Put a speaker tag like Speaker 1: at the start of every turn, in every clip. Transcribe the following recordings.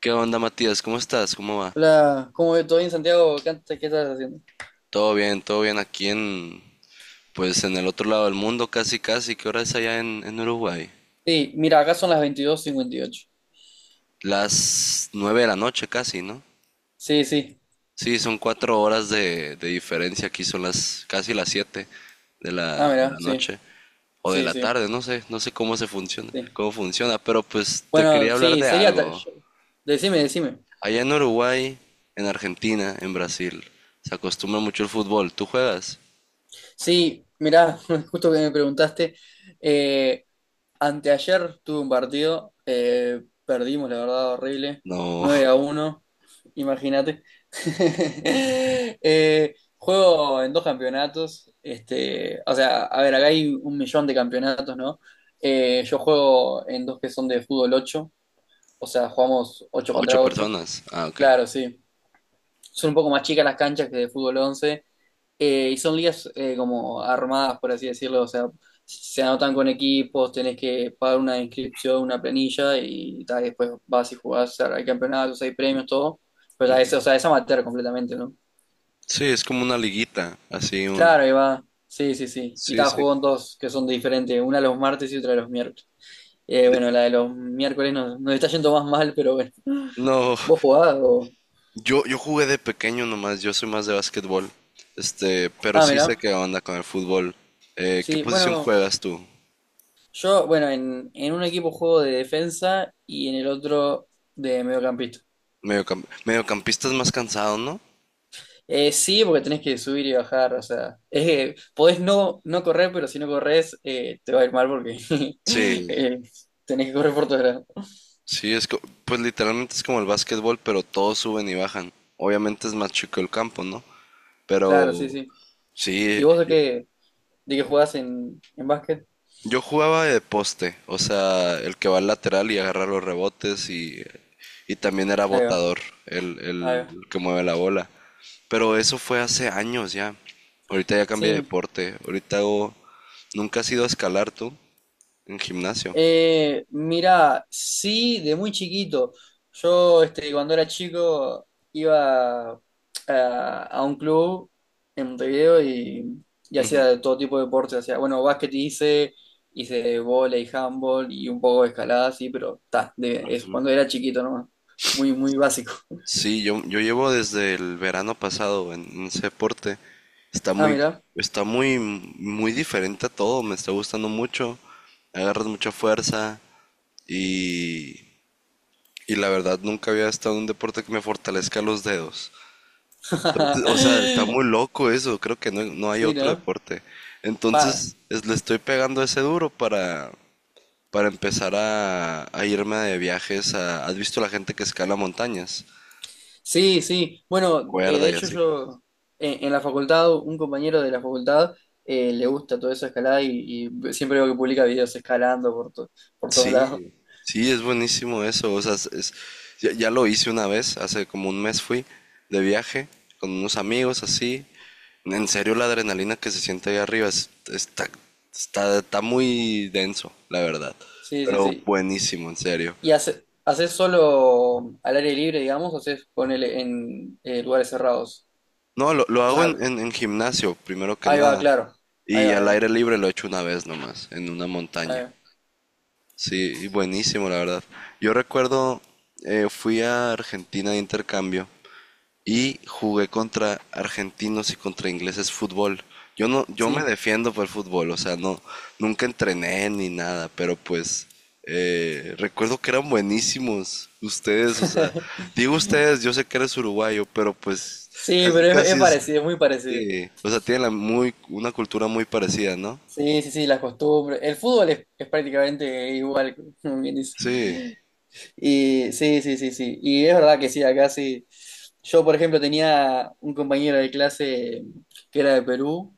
Speaker 1: ¿Qué onda, Matías? ¿Cómo estás? ¿Cómo va?
Speaker 2: Hola, ¿cómo ve todo bien, Santiago? ¿Qué, qué estás haciendo?
Speaker 1: Todo bien aquí pues en el otro lado del mundo, casi, casi. ¿Qué hora es allá en Uruguay?
Speaker 2: Sí, mira, acá son las 22:58.
Speaker 1: Las nueve de la noche, casi, ¿no?
Speaker 2: Sí, sí.
Speaker 1: Sí, son 4 horas de diferencia. Aquí son las casi las 7 de la,
Speaker 2: Ah,
Speaker 1: de la
Speaker 2: mira, sí,
Speaker 1: noche o de
Speaker 2: sí,
Speaker 1: la
Speaker 2: sí,
Speaker 1: tarde, no sé
Speaker 2: sí.
Speaker 1: cómo funciona. Pero pues te
Speaker 2: Bueno,
Speaker 1: quería hablar
Speaker 2: sí,
Speaker 1: de
Speaker 2: sería.
Speaker 1: algo.
Speaker 2: Decime, decime.
Speaker 1: Allá en Uruguay, en Argentina, en Brasil, se acostumbra mucho el fútbol. ¿Tú juegas?
Speaker 2: Sí, mira, justo que me preguntaste, eh, anteayer tuve un partido, perdimos, la verdad, horrible,
Speaker 1: No.
Speaker 2: 9-1. Imagínate. Juego en dos campeonatos, este, o sea, a ver, acá hay un millón de campeonatos, ¿no? Yo juego en dos que son de fútbol 8, o sea, jugamos 8
Speaker 1: Ocho
Speaker 2: contra 8.
Speaker 1: personas. Ah, ok.
Speaker 2: Claro, sí. Son un poco más chicas las canchas que de fútbol 11. Y son ligas como armadas, por así decirlo, o sea, se anotan con equipos, tenés que pagar una inscripción, una planilla y después vas y jugás, o sea, hay campeonatos, hay premios, todo, pero ta, es, o sea, es amateur completamente, ¿no?
Speaker 1: Sí, es como una liguita, así un...
Speaker 2: Claro, ahí va, sí, sí, sí, y
Speaker 1: Sí,
Speaker 2: está,
Speaker 1: sí.
Speaker 2: juegan dos que son diferentes, una los martes y otra los miércoles.
Speaker 1: De-
Speaker 2: Bueno, la de los miércoles nos está yendo más mal, pero bueno.
Speaker 1: No,
Speaker 2: ¿Vos jugás o?
Speaker 1: yo jugué de pequeño nomás, yo soy más de básquetbol. Este, pero
Speaker 2: Ah,
Speaker 1: sí sé
Speaker 2: mirá,
Speaker 1: qué onda con el fútbol. ¿Qué
Speaker 2: sí,
Speaker 1: posición
Speaker 2: bueno,
Speaker 1: juegas tú?
Speaker 2: yo, bueno, en un equipo juego de defensa y en el otro de mediocampista.
Speaker 1: Mediocampista es más cansado, ¿no?
Speaker 2: Sí, porque tenés que subir y bajar, o sea, es que podés no correr, pero si no corres te va a ir mal porque
Speaker 1: Sí,
Speaker 2: eh, tenés que correr por todos lados.
Speaker 1: sí, pues literalmente es como el básquetbol, pero todos suben y bajan. Obviamente es más chico el campo, ¿no?
Speaker 2: Claro, sí,
Speaker 1: Pero
Speaker 2: sí.
Speaker 1: sí,
Speaker 2: ¿Y vos de qué jugás en básquet?
Speaker 1: yo jugaba de poste, o sea, el que va al lateral y agarra los rebotes y también era
Speaker 2: Ahí va,
Speaker 1: botador, el,
Speaker 2: ahí va.
Speaker 1: el que mueve la bola. Pero eso fue hace años ya. Ahorita ya cambié de
Speaker 2: Sí.
Speaker 1: deporte. Ahorita hago... ¿Nunca has ido a escalar tú en gimnasio?
Speaker 2: Mirá, sí, de muy chiquito. Yo, este, cuando era chico, iba a un club en Montevideo y hacía todo tipo de deportes. Hacía, bueno, básquet hice vóley, handball y un poco de escalada, sí, pero ta, es cuando era chiquito nomás. Muy, muy básico.
Speaker 1: Sí, yo llevo desde el verano pasado en ese deporte. Está
Speaker 2: Ah,
Speaker 1: muy,
Speaker 2: mira,
Speaker 1: está muy, muy diferente a todo. Me está gustando mucho. Agarras mucha fuerza y y la verdad nunca había estado en un deporte que me fortalezca los dedos. Entonces, o sea, está muy loco eso, creo que no, no hay
Speaker 2: sí,
Speaker 1: otro
Speaker 2: ¿no?
Speaker 1: deporte.
Speaker 2: Pa.
Speaker 1: Entonces le estoy pegando ese duro para empezar a irme de viajes. ¿Has visto la gente que escala montañas?
Speaker 2: Sí, sí.
Speaker 1: Con
Speaker 2: Bueno, de
Speaker 1: cuerda y
Speaker 2: hecho
Speaker 1: así.
Speaker 2: yo en la facultad, un compañero de la facultad le gusta todo eso escalada y siempre veo que publica videos escalando por, por todos lados.
Speaker 1: Sí, sí, es buenísimo eso. O sea, ya lo hice una vez, hace como un mes fui de viaje con unos amigos así. En serio, la adrenalina que se siente ahí arriba está muy denso, la verdad.
Speaker 2: Sí, sí,
Speaker 1: Pero
Speaker 2: sí.
Speaker 1: buenísimo, en serio.
Speaker 2: ¿Y haces solo al aire libre, digamos, o haces ponele en lugares cerrados?
Speaker 1: No, lo
Speaker 2: O
Speaker 1: hago
Speaker 2: sea,
Speaker 1: en gimnasio, primero que
Speaker 2: ahí va,
Speaker 1: nada.
Speaker 2: claro. Ahí
Speaker 1: Y
Speaker 2: va,
Speaker 1: al
Speaker 2: ahí va.
Speaker 1: aire libre lo he hecho una vez nomás, en una
Speaker 2: Ahí
Speaker 1: montaña.
Speaker 2: va.
Speaker 1: Sí, y buenísimo, la verdad. Yo recuerdo, fui a Argentina de intercambio y jugué contra argentinos y contra ingleses fútbol. Yo no, yo me
Speaker 2: Sí.
Speaker 1: defiendo por el fútbol, o sea, no, nunca entrené ni nada, pero pues recuerdo que eran buenísimos ustedes, o sea, digo ustedes, yo sé que eres uruguayo, pero pues
Speaker 2: Sí,
Speaker 1: casi
Speaker 2: pero es
Speaker 1: casi es,
Speaker 2: parecido, es muy parecido.
Speaker 1: sí, o sea, tienen una cultura muy parecida, ¿no?
Speaker 2: Sí, sí, sí, las costumbres. El fútbol es prácticamente igual, como bien dice.
Speaker 1: Sí,
Speaker 2: Y sí, sí, sí, sí. Y es verdad que sí, acá sí. Yo, por ejemplo, tenía un compañero de clase que era de Perú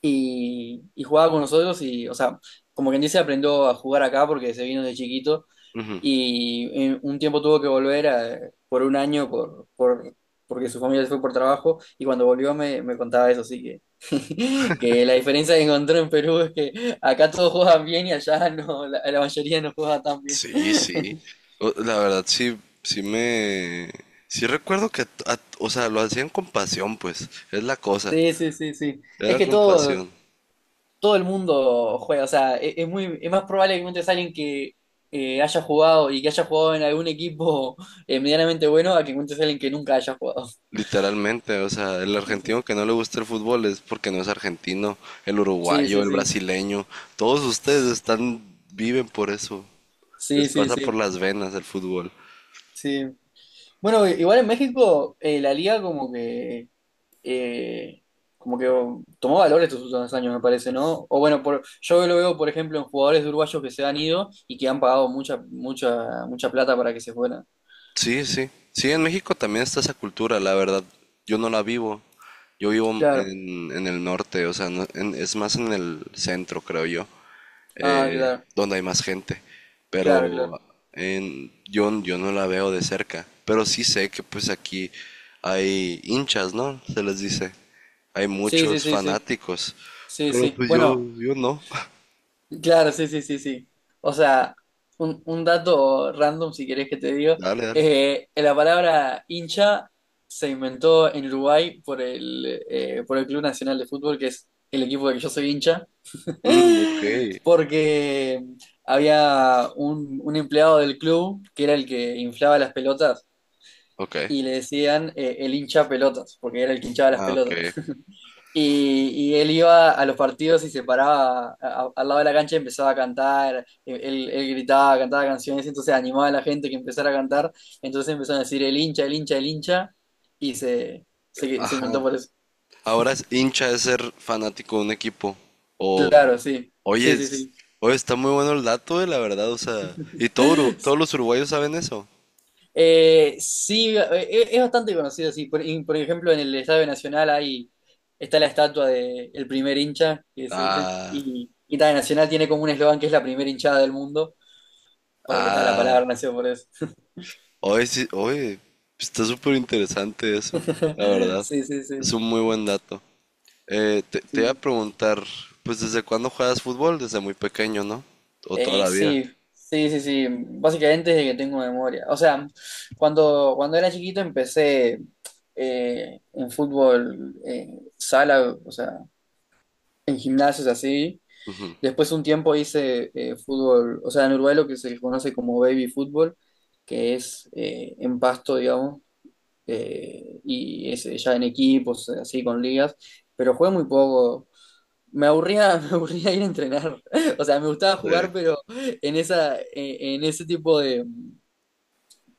Speaker 2: y jugaba con nosotros y, o sea, como quien dice, aprendió a jugar acá porque se vino de chiquito
Speaker 1: ujú.
Speaker 2: y en un tiempo tuvo que volver por un año porque su familia se fue por trabajo y cuando volvió me contaba eso, así que, que la diferencia que encontró en Perú es que acá todos juegan bien y allá no, la mayoría no juega tan.
Speaker 1: Sí, sí. La verdad, sí, sí me... Sí recuerdo que, o sea, lo hacían con pasión, pues, es la cosa.
Speaker 2: Sí, sí, sí, sí. Es
Speaker 1: Era
Speaker 2: que
Speaker 1: compasión,
Speaker 2: todo el mundo juega, o sea, es más probable que encuentres a alguien que haya jugado y que haya jugado en algún equipo medianamente bueno a que encuentres a alguien que nunca haya jugado.
Speaker 1: literalmente. O sea, el argentino que no le gusta el fútbol es porque no es argentino, el
Speaker 2: Sí,
Speaker 1: uruguayo,
Speaker 2: sí,
Speaker 1: el
Speaker 2: sí.
Speaker 1: brasileño, todos ustedes están, viven por eso. Les
Speaker 2: Sí, sí,
Speaker 1: pasa por
Speaker 2: sí.
Speaker 1: las venas el fútbol.
Speaker 2: Sí. Bueno, igual en México la liga eh, como que tomó valor estos últimos años, me parece, ¿no? O bueno, yo lo veo, por ejemplo, en jugadores uruguayos que se han ido y que han pagado mucha, mucha, mucha plata para que se fueran.
Speaker 1: Sí, sí. Sí, en México también está esa cultura, la verdad. Yo no la vivo. Yo vivo
Speaker 2: Claro.
Speaker 1: en el norte, o sea, es más en el centro, creo yo.
Speaker 2: Ah,
Speaker 1: eh,
Speaker 2: claro,
Speaker 1: donde hay más gente.
Speaker 2: claro, claro.
Speaker 1: Pero yo no la veo de cerca. Pero sí sé que pues aquí hay hinchas, ¿no? Se les dice. Hay
Speaker 2: Sí, sí,
Speaker 1: muchos
Speaker 2: sí, sí,
Speaker 1: fanáticos.
Speaker 2: sí,
Speaker 1: Pero
Speaker 2: sí.
Speaker 1: pues yo,
Speaker 2: Bueno,
Speaker 1: yo no.
Speaker 2: claro, sí, sí, sí, sí. O sea, un dato random, si querés que te digo,
Speaker 1: Dale, dale.
Speaker 2: la palabra hincha se inventó en Uruguay por el Club Nacional de Fútbol, que es el equipo del que yo soy hincha,
Speaker 1: Mm, ok.
Speaker 2: porque había un empleado del club que era el que inflaba las pelotas
Speaker 1: Ok.
Speaker 2: y le decían el hincha pelotas, porque era el que hinchaba las
Speaker 1: Ah, ok.
Speaker 2: pelotas. Y él iba a los partidos y se paraba al lado de la cancha y empezaba a cantar, él gritaba, cantaba canciones, entonces animaba a la gente que empezara a cantar, entonces empezaron a decir el hincha, el hincha, el hincha, y se
Speaker 1: Ajá.
Speaker 2: inventó por eso.
Speaker 1: Ahora es hincha es ser fanático de un equipo. O,
Speaker 2: Claro, sí,
Speaker 1: oye,
Speaker 2: sí, sí,
Speaker 1: es-
Speaker 2: sí.
Speaker 1: oye, está muy bueno el dato, la verdad. O sea, ¿y todo todos los uruguayos saben eso?
Speaker 2: Sí, es bastante conocido, sí. Por ejemplo, en el Estadio Nacional hay, está la estatua del primer hincha, que se dice,
Speaker 1: Ah.
Speaker 2: y también Nacional tiene como un eslogan que es la primera hinchada del mundo. Porque tal la
Speaker 1: Ah,
Speaker 2: palabra nació por eso.
Speaker 1: hoy sí, hoy está súper interesante eso, la verdad.
Speaker 2: Sí, sí,
Speaker 1: Es
Speaker 2: sí.
Speaker 1: un muy buen dato. Te
Speaker 2: Sí,
Speaker 1: iba a
Speaker 2: sí.
Speaker 1: preguntar, pues ¿desde cuándo juegas fútbol? Desde muy pequeño, ¿no? O toda la vida.
Speaker 2: Sí, sí, sí, sí. Básicamente desde que tengo memoria. O sea, cuando era chiquito empecé en fútbol, sala, o sea, en gimnasios así.
Speaker 1: Ujú,
Speaker 2: Después un tiempo hice fútbol, o sea, en Uruguay lo que se conoce como baby fútbol, que es en pasto, digamos, y es ya en equipos, así con ligas, pero jugué muy poco. Me aburría, me aburría ir a entrenar. O sea, me gustaba
Speaker 1: sí.
Speaker 2: jugar, pero en ese tipo de,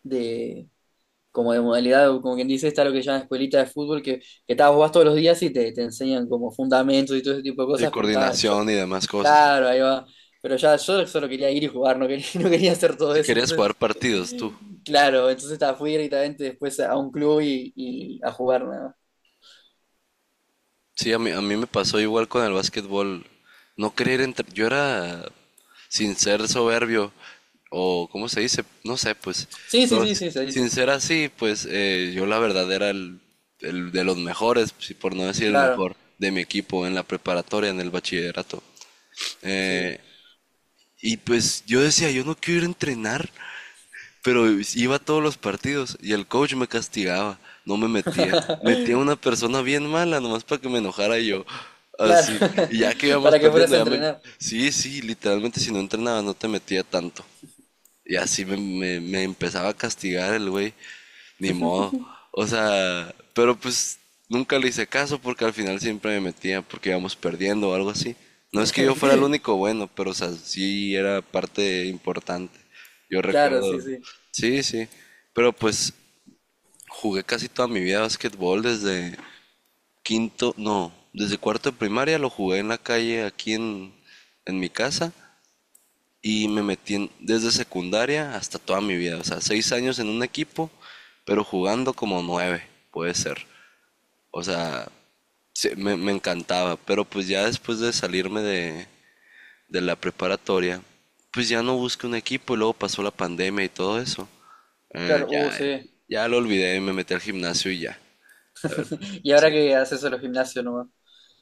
Speaker 2: de- como de modalidad, o como quien dice, está lo que llaman escuelita de fútbol, que vas todos los días y te enseñan como fundamentos y todo ese tipo de
Speaker 1: Y
Speaker 2: cosas, pero estaba yo,
Speaker 1: coordinación y demás cosas.
Speaker 2: claro, ahí va. Pero ya yo solo quería ir y jugar, no quería, no quería hacer todo
Speaker 1: Si
Speaker 2: eso.
Speaker 1: querías jugar
Speaker 2: Entonces,
Speaker 1: partidos, tú.
Speaker 2: claro, entonces fui directamente después a un club y a jugar nada más.
Speaker 1: Sí, a mí me pasó igual con el básquetbol. No querer entrar. Yo era, sin ser soberbio, o ¿cómo se dice? No sé, pues.
Speaker 2: Sí, sí,
Speaker 1: Pero
Speaker 2: sí, sí, se
Speaker 1: sin
Speaker 2: dice.
Speaker 1: ser así, pues yo la verdad era el de los mejores, si por no decir el
Speaker 2: Claro,
Speaker 1: mejor, de mi equipo en la preparatoria, en el bachillerato.
Speaker 2: sí.
Speaker 1: Eh, y pues yo decía, yo no quiero ir a entrenar. Pero iba a todos los partidos y el coach me castigaba, no me metía. Metía a una persona bien mala, nomás para que me enojara yo.
Speaker 2: Claro,
Speaker 1: Así. Y ya que íbamos
Speaker 2: para que fueras
Speaker 1: perdiendo,
Speaker 2: a
Speaker 1: ya me...
Speaker 2: entrenar.
Speaker 1: Sí, sí, literalmente si no entrenabas no te metía tanto. Y así me empezaba a castigar el güey. Ni modo. O sea, pero pues nunca le hice caso porque al final siempre me metía porque íbamos perdiendo o algo así. No es que yo fuera el único bueno, pero o sea, sí era parte importante. Yo
Speaker 2: Claro, sí,
Speaker 1: recuerdo,
Speaker 2: sí.
Speaker 1: sí, sí. Pero pues jugué casi toda mi vida básquetbol desde quinto, no, desde cuarto de primaria lo jugué en la calle aquí en mi casa y me metí desde secundaria hasta toda mi vida. O sea, 6 años en un equipo, pero jugando como nueve, puede ser. O sea, sí, me encantaba. Pero pues ya después de salirme de la preparatoria, pues ya no busqué un equipo y luego pasó la pandemia y todo eso. Eh,
Speaker 2: Claro,
Speaker 1: ya,
Speaker 2: sí.
Speaker 1: ya lo olvidé, me metí al gimnasio y ya.
Speaker 2: Y ahora que haces solo gimnasio nomás.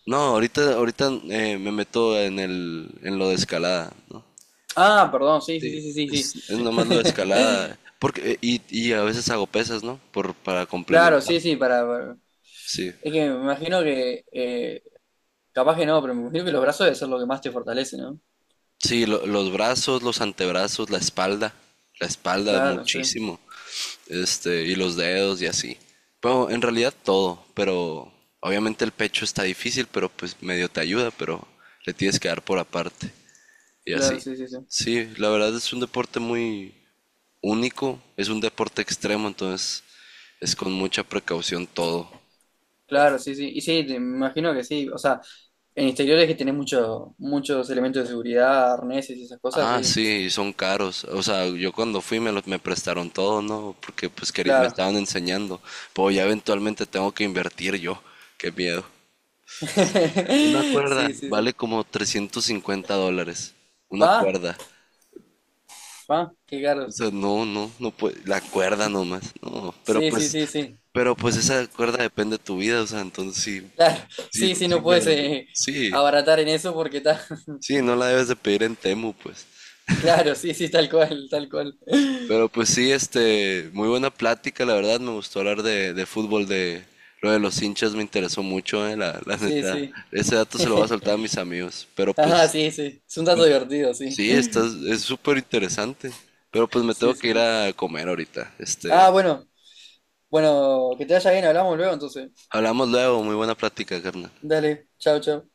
Speaker 1: No, ahorita me meto en lo de escalada, ¿no?
Speaker 2: Ah, perdón, sí,
Speaker 1: Sí,
Speaker 2: sí, sí, sí,
Speaker 1: es
Speaker 2: sí.
Speaker 1: nomás lo de escalada. Porque, y a veces hago pesas, ¿no? Para
Speaker 2: Claro,
Speaker 1: complementar.
Speaker 2: sí, sí.
Speaker 1: Sí.
Speaker 2: Es que me imagino que, capaz que no, pero me imagino que los brazos deben ser lo que más te fortalece, ¿no?
Speaker 1: Sí, los brazos, los antebrazos, la espalda. La espalda
Speaker 2: Claro, sí,
Speaker 1: muchísimo. Este, y los dedos y así. Pero en realidad todo. Pero obviamente el pecho está difícil, pero pues medio te ayuda, pero le tienes que dar por aparte. Y
Speaker 2: claro,
Speaker 1: así.
Speaker 2: sí, sí, sí.
Speaker 1: Sí, la verdad es un deporte muy único. Es un deporte extremo, entonces es con mucha precaución todo.
Speaker 2: Claro, sí, sí. Y sí, me imagino que sí. O sea, en exteriores que tenés muchos elementos de seguridad, arneses y esas cosas,
Speaker 1: Ah,
Speaker 2: sí.
Speaker 1: sí, son caros. O sea, yo cuando fui me los me prestaron todo, ¿no? Porque pues me
Speaker 2: Claro.
Speaker 1: estaban enseñando. Pero ya eventualmente tengo que invertir yo. Qué miedo. Una cuerda
Speaker 2: Sí, sí, sí.
Speaker 1: vale como 350 dólares. Una
Speaker 2: Pa,
Speaker 1: cuerda.
Speaker 2: pa, qué
Speaker 1: O
Speaker 2: caros.
Speaker 1: sea, no, no, no puede. La cuerda nomás. No, pero
Speaker 2: Sí, sí,
Speaker 1: pues,
Speaker 2: sí, sí.
Speaker 1: pero pues esa cuerda depende de tu vida. O sea, entonces sí,
Speaker 2: Claro,
Speaker 1: sí,
Speaker 2: sí, sí,
Speaker 1: sí
Speaker 2: no
Speaker 1: me
Speaker 2: puedes
Speaker 1: la. Sí,
Speaker 2: abaratar en eso porque está.
Speaker 1: sí, no la debes de pedir en Temu, pues.
Speaker 2: Claro, sí, sí, tal cual, tal cual.
Speaker 1: Pero pues sí, este, muy buena plática, la verdad, me gustó hablar de fútbol, de lo de los hinchas me interesó mucho, la
Speaker 2: Sí,
Speaker 1: neta.
Speaker 2: sí.
Speaker 1: Ese dato se lo voy a soltar a mis amigos, pero
Speaker 2: Ajá,
Speaker 1: pues
Speaker 2: sí, sí. Es un dato divertido, sí.
Speaker 1: sí, es súper interesante. Pero pues me
Speaker 2: Sí,
Speaker 1: tengo que
Speaker 2: sí,
Speaker 1: ir
Speaker 2: sí.
Speaker 1: a comer ahorita.
Speaker 2: Ah,
Speaker 1: Este,
Speaker 2: bueno, bueno, que te vaya bien, hablamos luego entonces.
Speaker 1: hablamos luego, muy buena plática, carnal.
Speaker 2: Dale, chao, chao.